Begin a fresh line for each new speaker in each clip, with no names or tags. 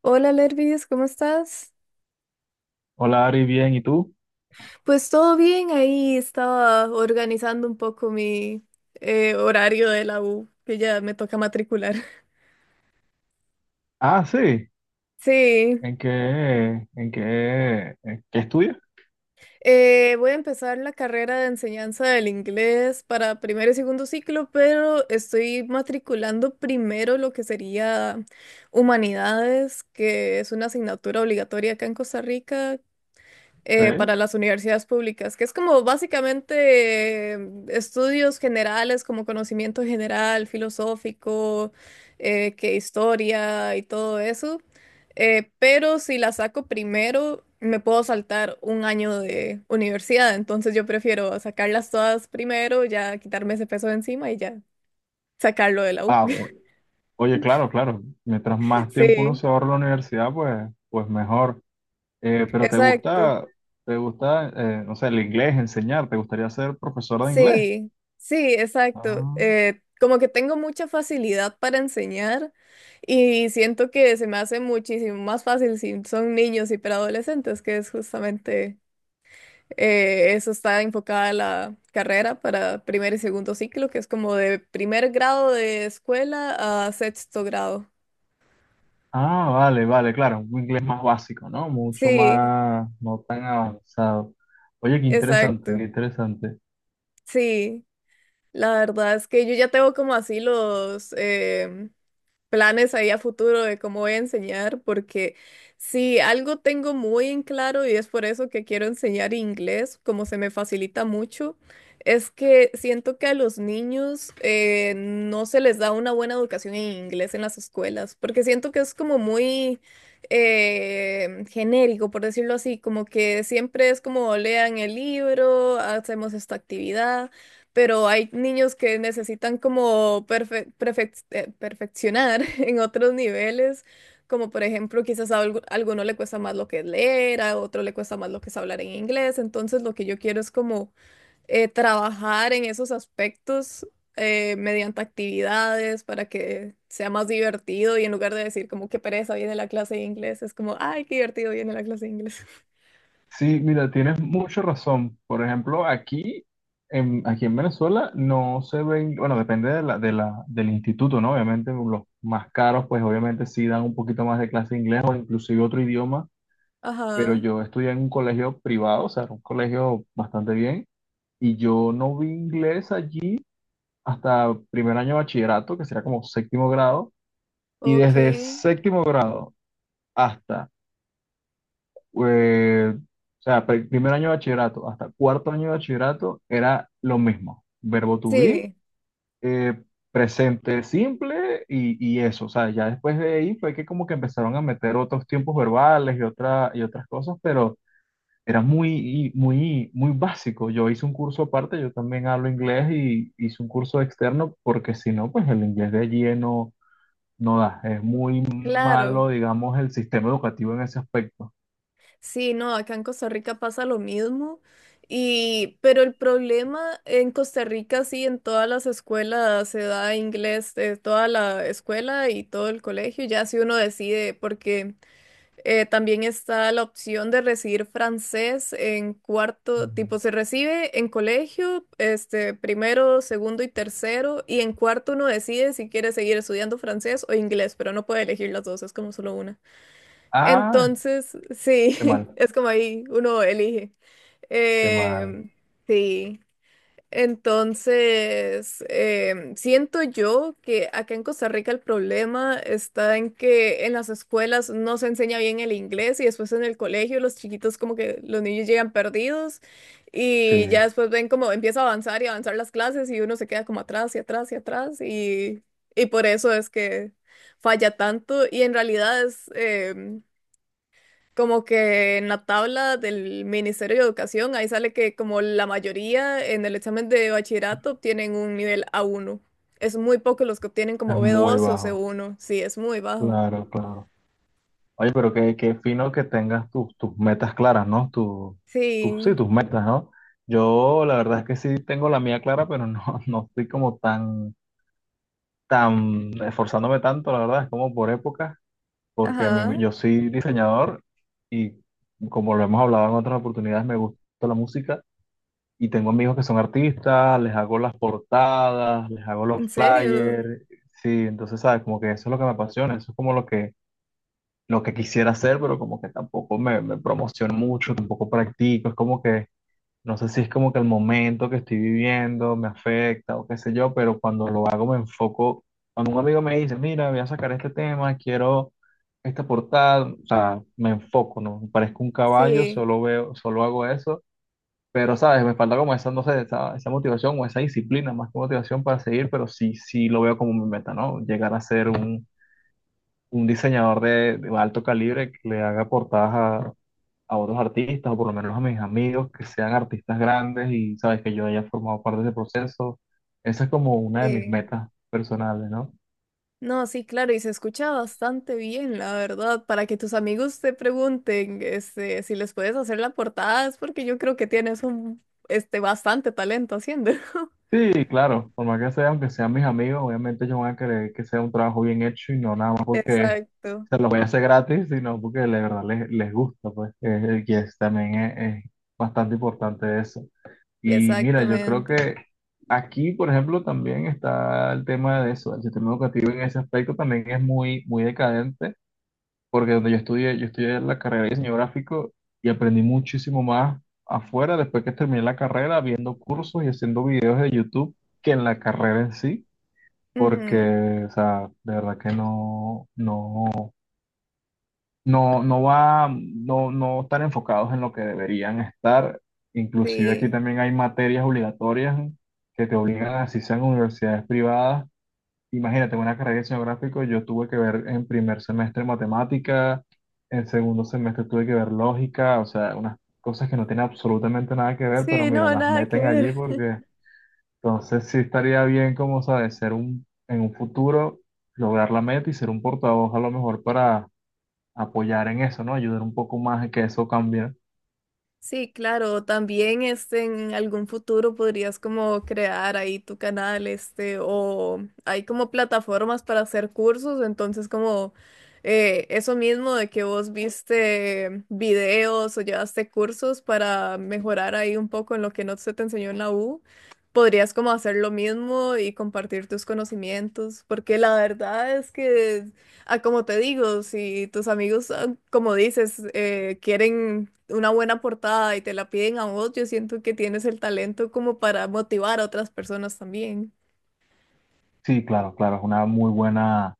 Hola Lervis, ¿cómo estás?
Hola Ari, bien, ¿y tú?
Pues todo bien, ahí estaba organizando un poco mi horario de la U, que ya me toca matricular.
Ah, sí.
Sí,
¿En qué, en qué estudias?
Voy a empezar la carrera de enseñanza del inglés para primero y segundo ciclo, pero estoy matriculando primero lo que sería humanidades, que es una asignatura obligatoria acá en Costa Rica,
¿Qué?
para las universidades públicas, que es como básicamente estudios generales, como conocimiento general, filosófico, que historia y todo eso. Pero si la saco primero, me puedo saltar un año de universidad, entonces yo prefiero sacarlas todas primero, ya quitarme ese peso de encima y ya sacarlo de la U.
Ah, o- Oye, claro, claro. Mientras más tiempo uno
Sí,
se ahorra en la universidad, pues mejor. Pero
exacto.
te gusta, no sé, el inglés, enseñar? ¿Te gustaría ser profesor de inglés?
Sí, sí, exacto.
Ah,
Como que tengo mucha facilidad para enseñar y siento que se me hace muchísimo más fácil si son niños y preadolescentes, que es justamente eso está enfocada la carrera para primer y segundo ciclo, que es como de primer grado de escuela a sexto grado.
vale, vale, claro. Un inglés más básico, ¿no? Mucho
Sí,
más, no tan avanzado. Oye, qué interesante,
exacto.
qué interesante.
Sí, la verdad es que yo ya tengo como así los planes ahí a futuro de cómo voy a enseñar, porque si algo tengo muy en claro y es por eso que quiero enseñar inglés, como se me facilita mucho, es que siento que a los niños no se les da una buena educación en inglés en las escuelas, porque siento que es como muy genérico, por decirlo así, como que siempre es como lean el libro, hacemos esta actividad pero hay niños que necesitan como perfeccionar en otros niveles, como por ejemplo, quizás a alguno le cuesta más lo que es leer, a otro le cuesta más lo que es hablar en inglés, entonces lo que yo quiero es como trabajar en esos aspectos mediante actividades para que sea más divertido y en lugar de decir como qué pereza viene la clase de inglés, es como, ay, qué divertido viene la clase de inglés.
Sí, mira, tienes mucha razón. Por ejemplo, aquí en Venezuela no se ven, bueno, depende de la, del instituto, ¿no? Obviamente los más caros, pues obviamente sí dan un poquito más de clase de inglés o inclusive otro idioma, pero
Ajá,
yo estudié en un colegio privado, o sea, era un colegio bastante bien, y yo no vi inglés allí hasta primer año de bachillerato, que sería como séptimo grado, y
ok.
desde séptimo grado hasta o sea, primer año de bachillerato hasta cuarto año de bachillerato era lo mismo. Verbo to be,
Sí,
eh, presente simple y eso. O sea, ya después de ahí fue que como que empezaron a meter otros tiempos verbales y y otras cosas, pero era muy, muy, muy básico. Yo hice un curso aparte, yo también hablo inglés y hice un curso externo porque si no, pues el inglés de allí no da. Es muy
claro.
malo, digamos, el sistema educativo en ese aspecto.
Sí, no, acá en Costa Rica pasa lo mismo. Y, pero el problema en Costa Rica, sí, en todas las escuelas se da inglés, toda la escuela y todo el colegio, ya si uno decide, porque también está la opción de recibir francés en cuarto, tipo se recibe en colegio, este, primero, segundo y tercero, y en cuarto uno decide si quiere seguir estudiando francés o inglés, pero no puede elegir las dos, es como solo una.
Ah,
Entonces,
qué
sí,
mal,
es como ahí uno elige.
qué mal.
Em, sí, entonces, siento yo que acá en Costa Rica el problema está en que en las escuelas no se enseña bien el inglés y después en el colegio los chiquitos como que los niños llegan perdidos
Sí,
y ya
es
después ven como empieza a avanzar y avanzar las clases y uno se queda como atrás y atrás y atrás y por eso es que falla tanto y en realidad es como que en la tabla del Ministerio de Educación, ahí sale que como la mayoría en el examen de bachillerato obtienen un nivel A1. Es muy poco los que obtienen como b
muy
dos o c
bajo.
uno Sí, es muy bajo.
Claro, claro. Oye, pero qué, qué fino que tengas tus metas claras, ¿no? Sí,
Sí,
tus metas, ¿no? Yo la verdad es que sí tengo la mía clara, pero no, no estoy como tan, tan esforzándome tanto, la verdad, es como por épocas, porque a
ajá,
mí, yo soy diseñador y como lo hemos hablado en otras oportunidades, me gusta la música. Y tengo amigos que son artistas, les hago las portadas, les hago los
en serio.
flyers. Sí, entonces, ¿sabes? Como que eso es lo que me apasiona, eso es como lo que quisiera hacer, pero como que tampoco me promociono mucho, tampoco practico. Es como que, no sé si es como que el momento que estoy viviendo me afecta o qué sé yo, pero cuando lo hago me enfoco. Cuando un amigo me dice, mira, voy a sacar este tema, quiero esta portada, o sea, me enfoco, ¿no? Parezco un caballo,
Sí,
solo veo, solo hago eso pero, ¿sabes? Me falta como esa, no sé, esa motivación o esa disciplina, más que motivación para seguir, pero sí, sí lo veo como mi meta, ¿no? Llegar a ser un diseñador de alto calibre que le haga portadas a otros artistas, o por lo menos a mis amigos, que sean artistas grandes y, ¿sabes? Que yo haya formado parte de ese proceso. Esa es como una de mis
sí.
metas personales, ¿no?
No, sí, claro, y se escucha bastante bien, la verdad. Para que tus amigos te pregunten, este, si les puedes hacer la portada, es porque yo creo que tienes un, este, bastante talento haciendo.
Sí, claro, por más que sea, aunque sean mis amigos, obviamente ellos van a querer que sea un trabajo bien hecho y no nada más porque
Exacto.
se lo voy a hacer gratis, sino porque de verdad les gusta, pues, que es, también es bastante importante eso. Y mira, yo creo
Exactamente.
que aquí, por ejemplo, también está el tema de eso, el sistema educativo en ese aspecto también es muy, muy decadente porque donde yo estudié la carrera de diseño gráfico y aprendí muchísimo más afuera después que terminé la carrera, viendo cursos y haciendo videos de YouTube que en la carrera en sí,
Ujú,
porque, o sea, de verdad que no va, no están enfocados en lo que deberían estar. Inclusive aquí
sí,
también hay materias obligatorias que te obligan, así sean universidades privadas. Imagínate, una carrera de diseño gráfico, yo tuve que ver en primer semestre matemática, en segundo semestre tuve que ver lógica, o sea, unas cosas que no tienen absolutamente nada que ver, pero
sí,
mira,
no,
las
nada que
meten allí
ver.
porque entonces sí estaría bien, como sabes, en un futuro, lograr la meta y ser un portavoz a lo mejor para apoyar en eso, ¿no? Ayudar un poco más a que eso cambie.
Sí, claro, también este, en algún futuro podrías como crear ahí tu canal, este, o hay como plataformas para hacer cursos, entonces como eso mismo de que vos viste videos o llevaste cursos para mejorar ahí un poco en lo que no se te enseñó en la U, podrías como hacer lo mismo y compartir tus conocimientos, porque la verdad es que... Ah, como te digo, si tus amigos, ah, como dices, quieren una buena portada y te la piden a vos, yo siento que tienes el talento como para motivar a otras personas también.
Sí, claro, claro, es una muy buena,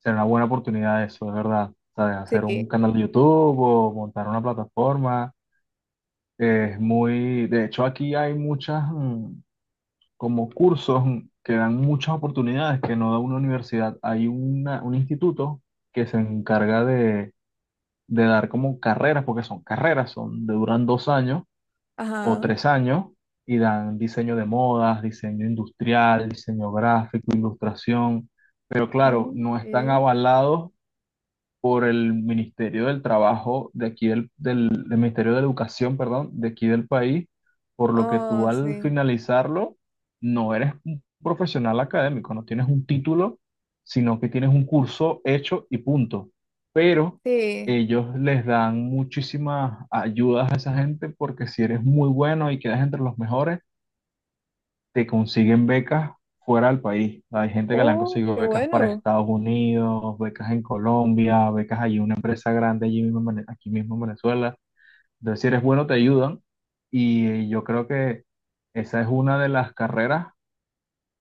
será una buena oportunidad eso, es verdad. O sea, hacer un
Sí,
canal de YouTube o montar una plataforma. Es muy, de hecho aquí hay como cursos, que dan muchas oportunidades que no da una universidad. Un instituto que se encarga de dar como carreras, porque son carreras, son de duran dos años o
ajá.
tres años y dan diseño de modas, diseño industrial, diseño gráfico, ilustración. Pero claro,
Mm,
no están
sí.
avalados por el Ministerio del Trabajo de aquí del Ministerio de Educación, perdón, de aquí del país, por lo que tú
Oh,
al
sí,
finalizarlo no eres un profesional académico, no tienes un título, sino que tienes un curso hecho y punto. Pero
sí.
ellos les dan muchísimas ayudas a esa gente porque si eres muy bueno y quedas entre los mejores, te consiguen becas fuera del país. Hay gente que le han
Oh,
conseguido
qué
becas para
bueno.
Estados Unidos, becas en Colombia, becas allí, en una empresa grande allí mismo, en aquí mismo en Venezuela. Entonces, si eres bueno, te ayudan. Y yo creo que esa es una de las carreras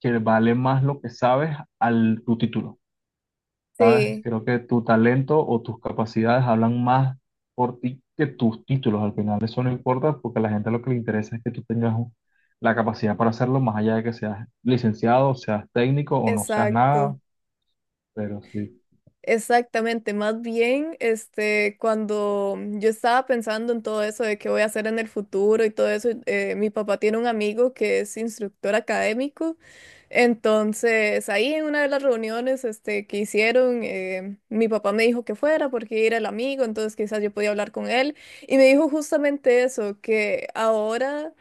que vale más lo que sabes al tu título. ¿Sabes?
Sí,
Creo que tu talento o tus capacidades hablan más por ti que tus títulos. Al final eso no importa porque a la gente lo que le interesa es que la capacidad para hacerlo, más allá de que seas licenciado, seas técnico o no seas
exacto.
nada, pero sí.
Exactamente, más bien, este, cuando yo estaba pensando en todo eso de qué voy a hacer en el futuro y todo eso, mi papá tiene un amigo que es instructor académico, entonces ahí en una de las reuniones, este, que hicieron, mi papá me dijo que fuera porque era el amigo, entonces quizás yo podía hablar con él y me dijo justamente eso, que ahora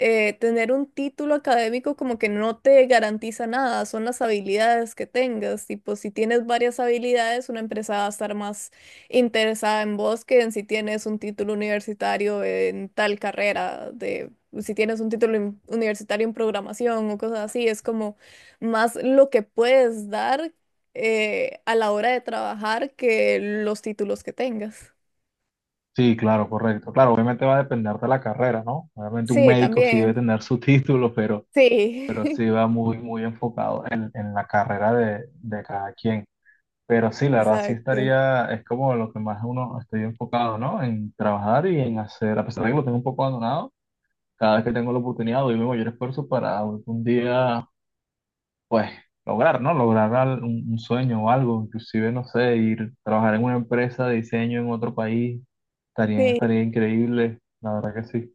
tener un título académico como que no te garantiza nada, son las habilidades que tengas. Tipo, si tienes varias habilidades, una empresa va a estar más interesada en vos que en si tienes un título universitario en tal carrera de... Si tienes un título universitario en programación o cosas así, es como más lo que puedes dar a la hora de trabajar que los títulos que tengas.
Sí, claro, correcto. Claro, obviamente va a depender de la carrera, ¿no? Obviamente un
Sí,
médico sí debe
también.
tener su título, pero
Sí,
sí va muy, muy enfocado en la carrera de cada quien. Pero sí, la verdad sí
exacto.
estaría, es como lo que más uno estoy enfocado, ¿no? En trabajar y en hacer, a pesar de que lo tengo un poco abandonado, cada vez que tengo la oportunidad doy mi mayor esfuerzo para algún día, pues, lograr, ¿no? Lograr un sueño o algo, inclusive, no sé, ir a trabajar en una empresa de diseño en otro país, estaría,
Sí.
estaría increíble, la verdad que sí.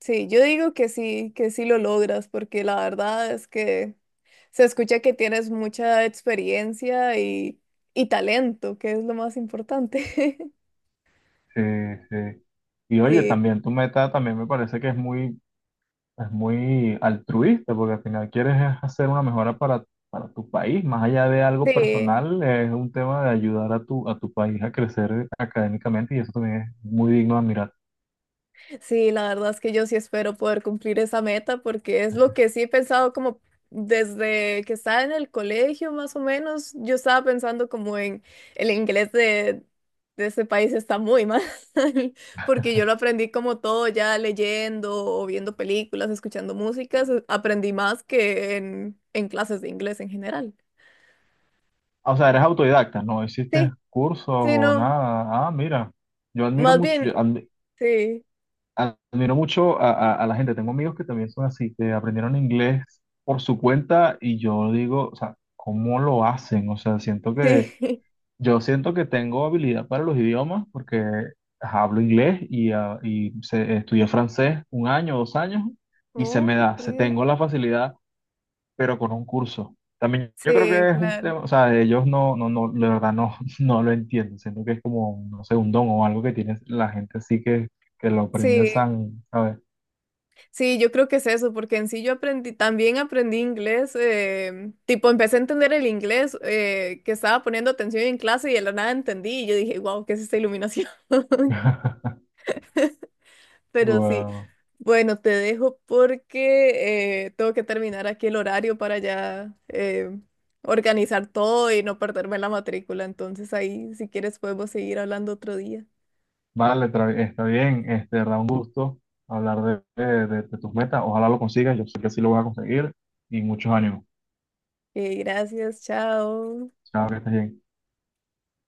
Sí, yo digo que sí lo logras, porque la verdad es que se escucha que tienes mucha experiencia y talento, que es lo más importante.
Sí, sí. Y oye,
Sí,
también tu meta también me parece que es muy. Es muy altruista porque al final quieres es hacer una mejora para tu país. Más allá de algo
sí.
personal, es un tema de ayudar a a tu país a crecer académicamente y eso también es muy digno de admirar.
Sí, la verdad es que yo sí espero poder cumplir esa meta porque es lo que sí he pensado como desde que estaba en el colegio más o menos, yo estaba pensando como en el inglés de este país está muy mal porque yo lo aprendí como todo ya leyendo o viendo películas, escuchando músicas, aprendí más que en clases de inglés en general.
Ah, o sea, eres autodidacta, no hiciste
Sí,
cursos
sí,
o
no,
nada. Ah, mira, yo admiro
más
mucho, yo
bien,
admi-
sí,
admiro mucho a, a la gente. Tengo amigos que también son así, que aprendieron inglés por su cuenta y yo digo, o sea, ¿cómo lo hacen? O sea, siento que.
sí.
Yo siento que tengo habilidad para los idiomas porque hablo inglés y, ah, estudié francés un año, dos años y se me
Oh,
da, se
ok.
tengo la facilidad, pero con un curso. También yo creo
Sí,
que es un
claro.
tema, o sea, ellos no, la verdad no, no lo entiendo. Siento que es como, no sé, un don o algo que tiene la gente así que lo aprende
Sí.
san, ¿sabes?
Sí, yo creo que es eso, porque en sí yo aprendí, también aprendí inglés, tipo empecé a entender el inglés que estaba poniendo atención en clase y de la nada entendí y yo dije, wow, ¿qué es esta iluminación? Pero sí,
Wow.
bueno, te dejo porque tengo que terminar aquí el horario para ya organizar todo y no perderme la matrícula, entonces ahí si quieres podemos seguir hablando otro día.
Vale, está bien. Este, da un gusto hablar de tus metas. Ojalá lo consigas. Yo sé que sí lo vas a conseguir y muchos años.
Gracias, chao.
Chao, que estés bien.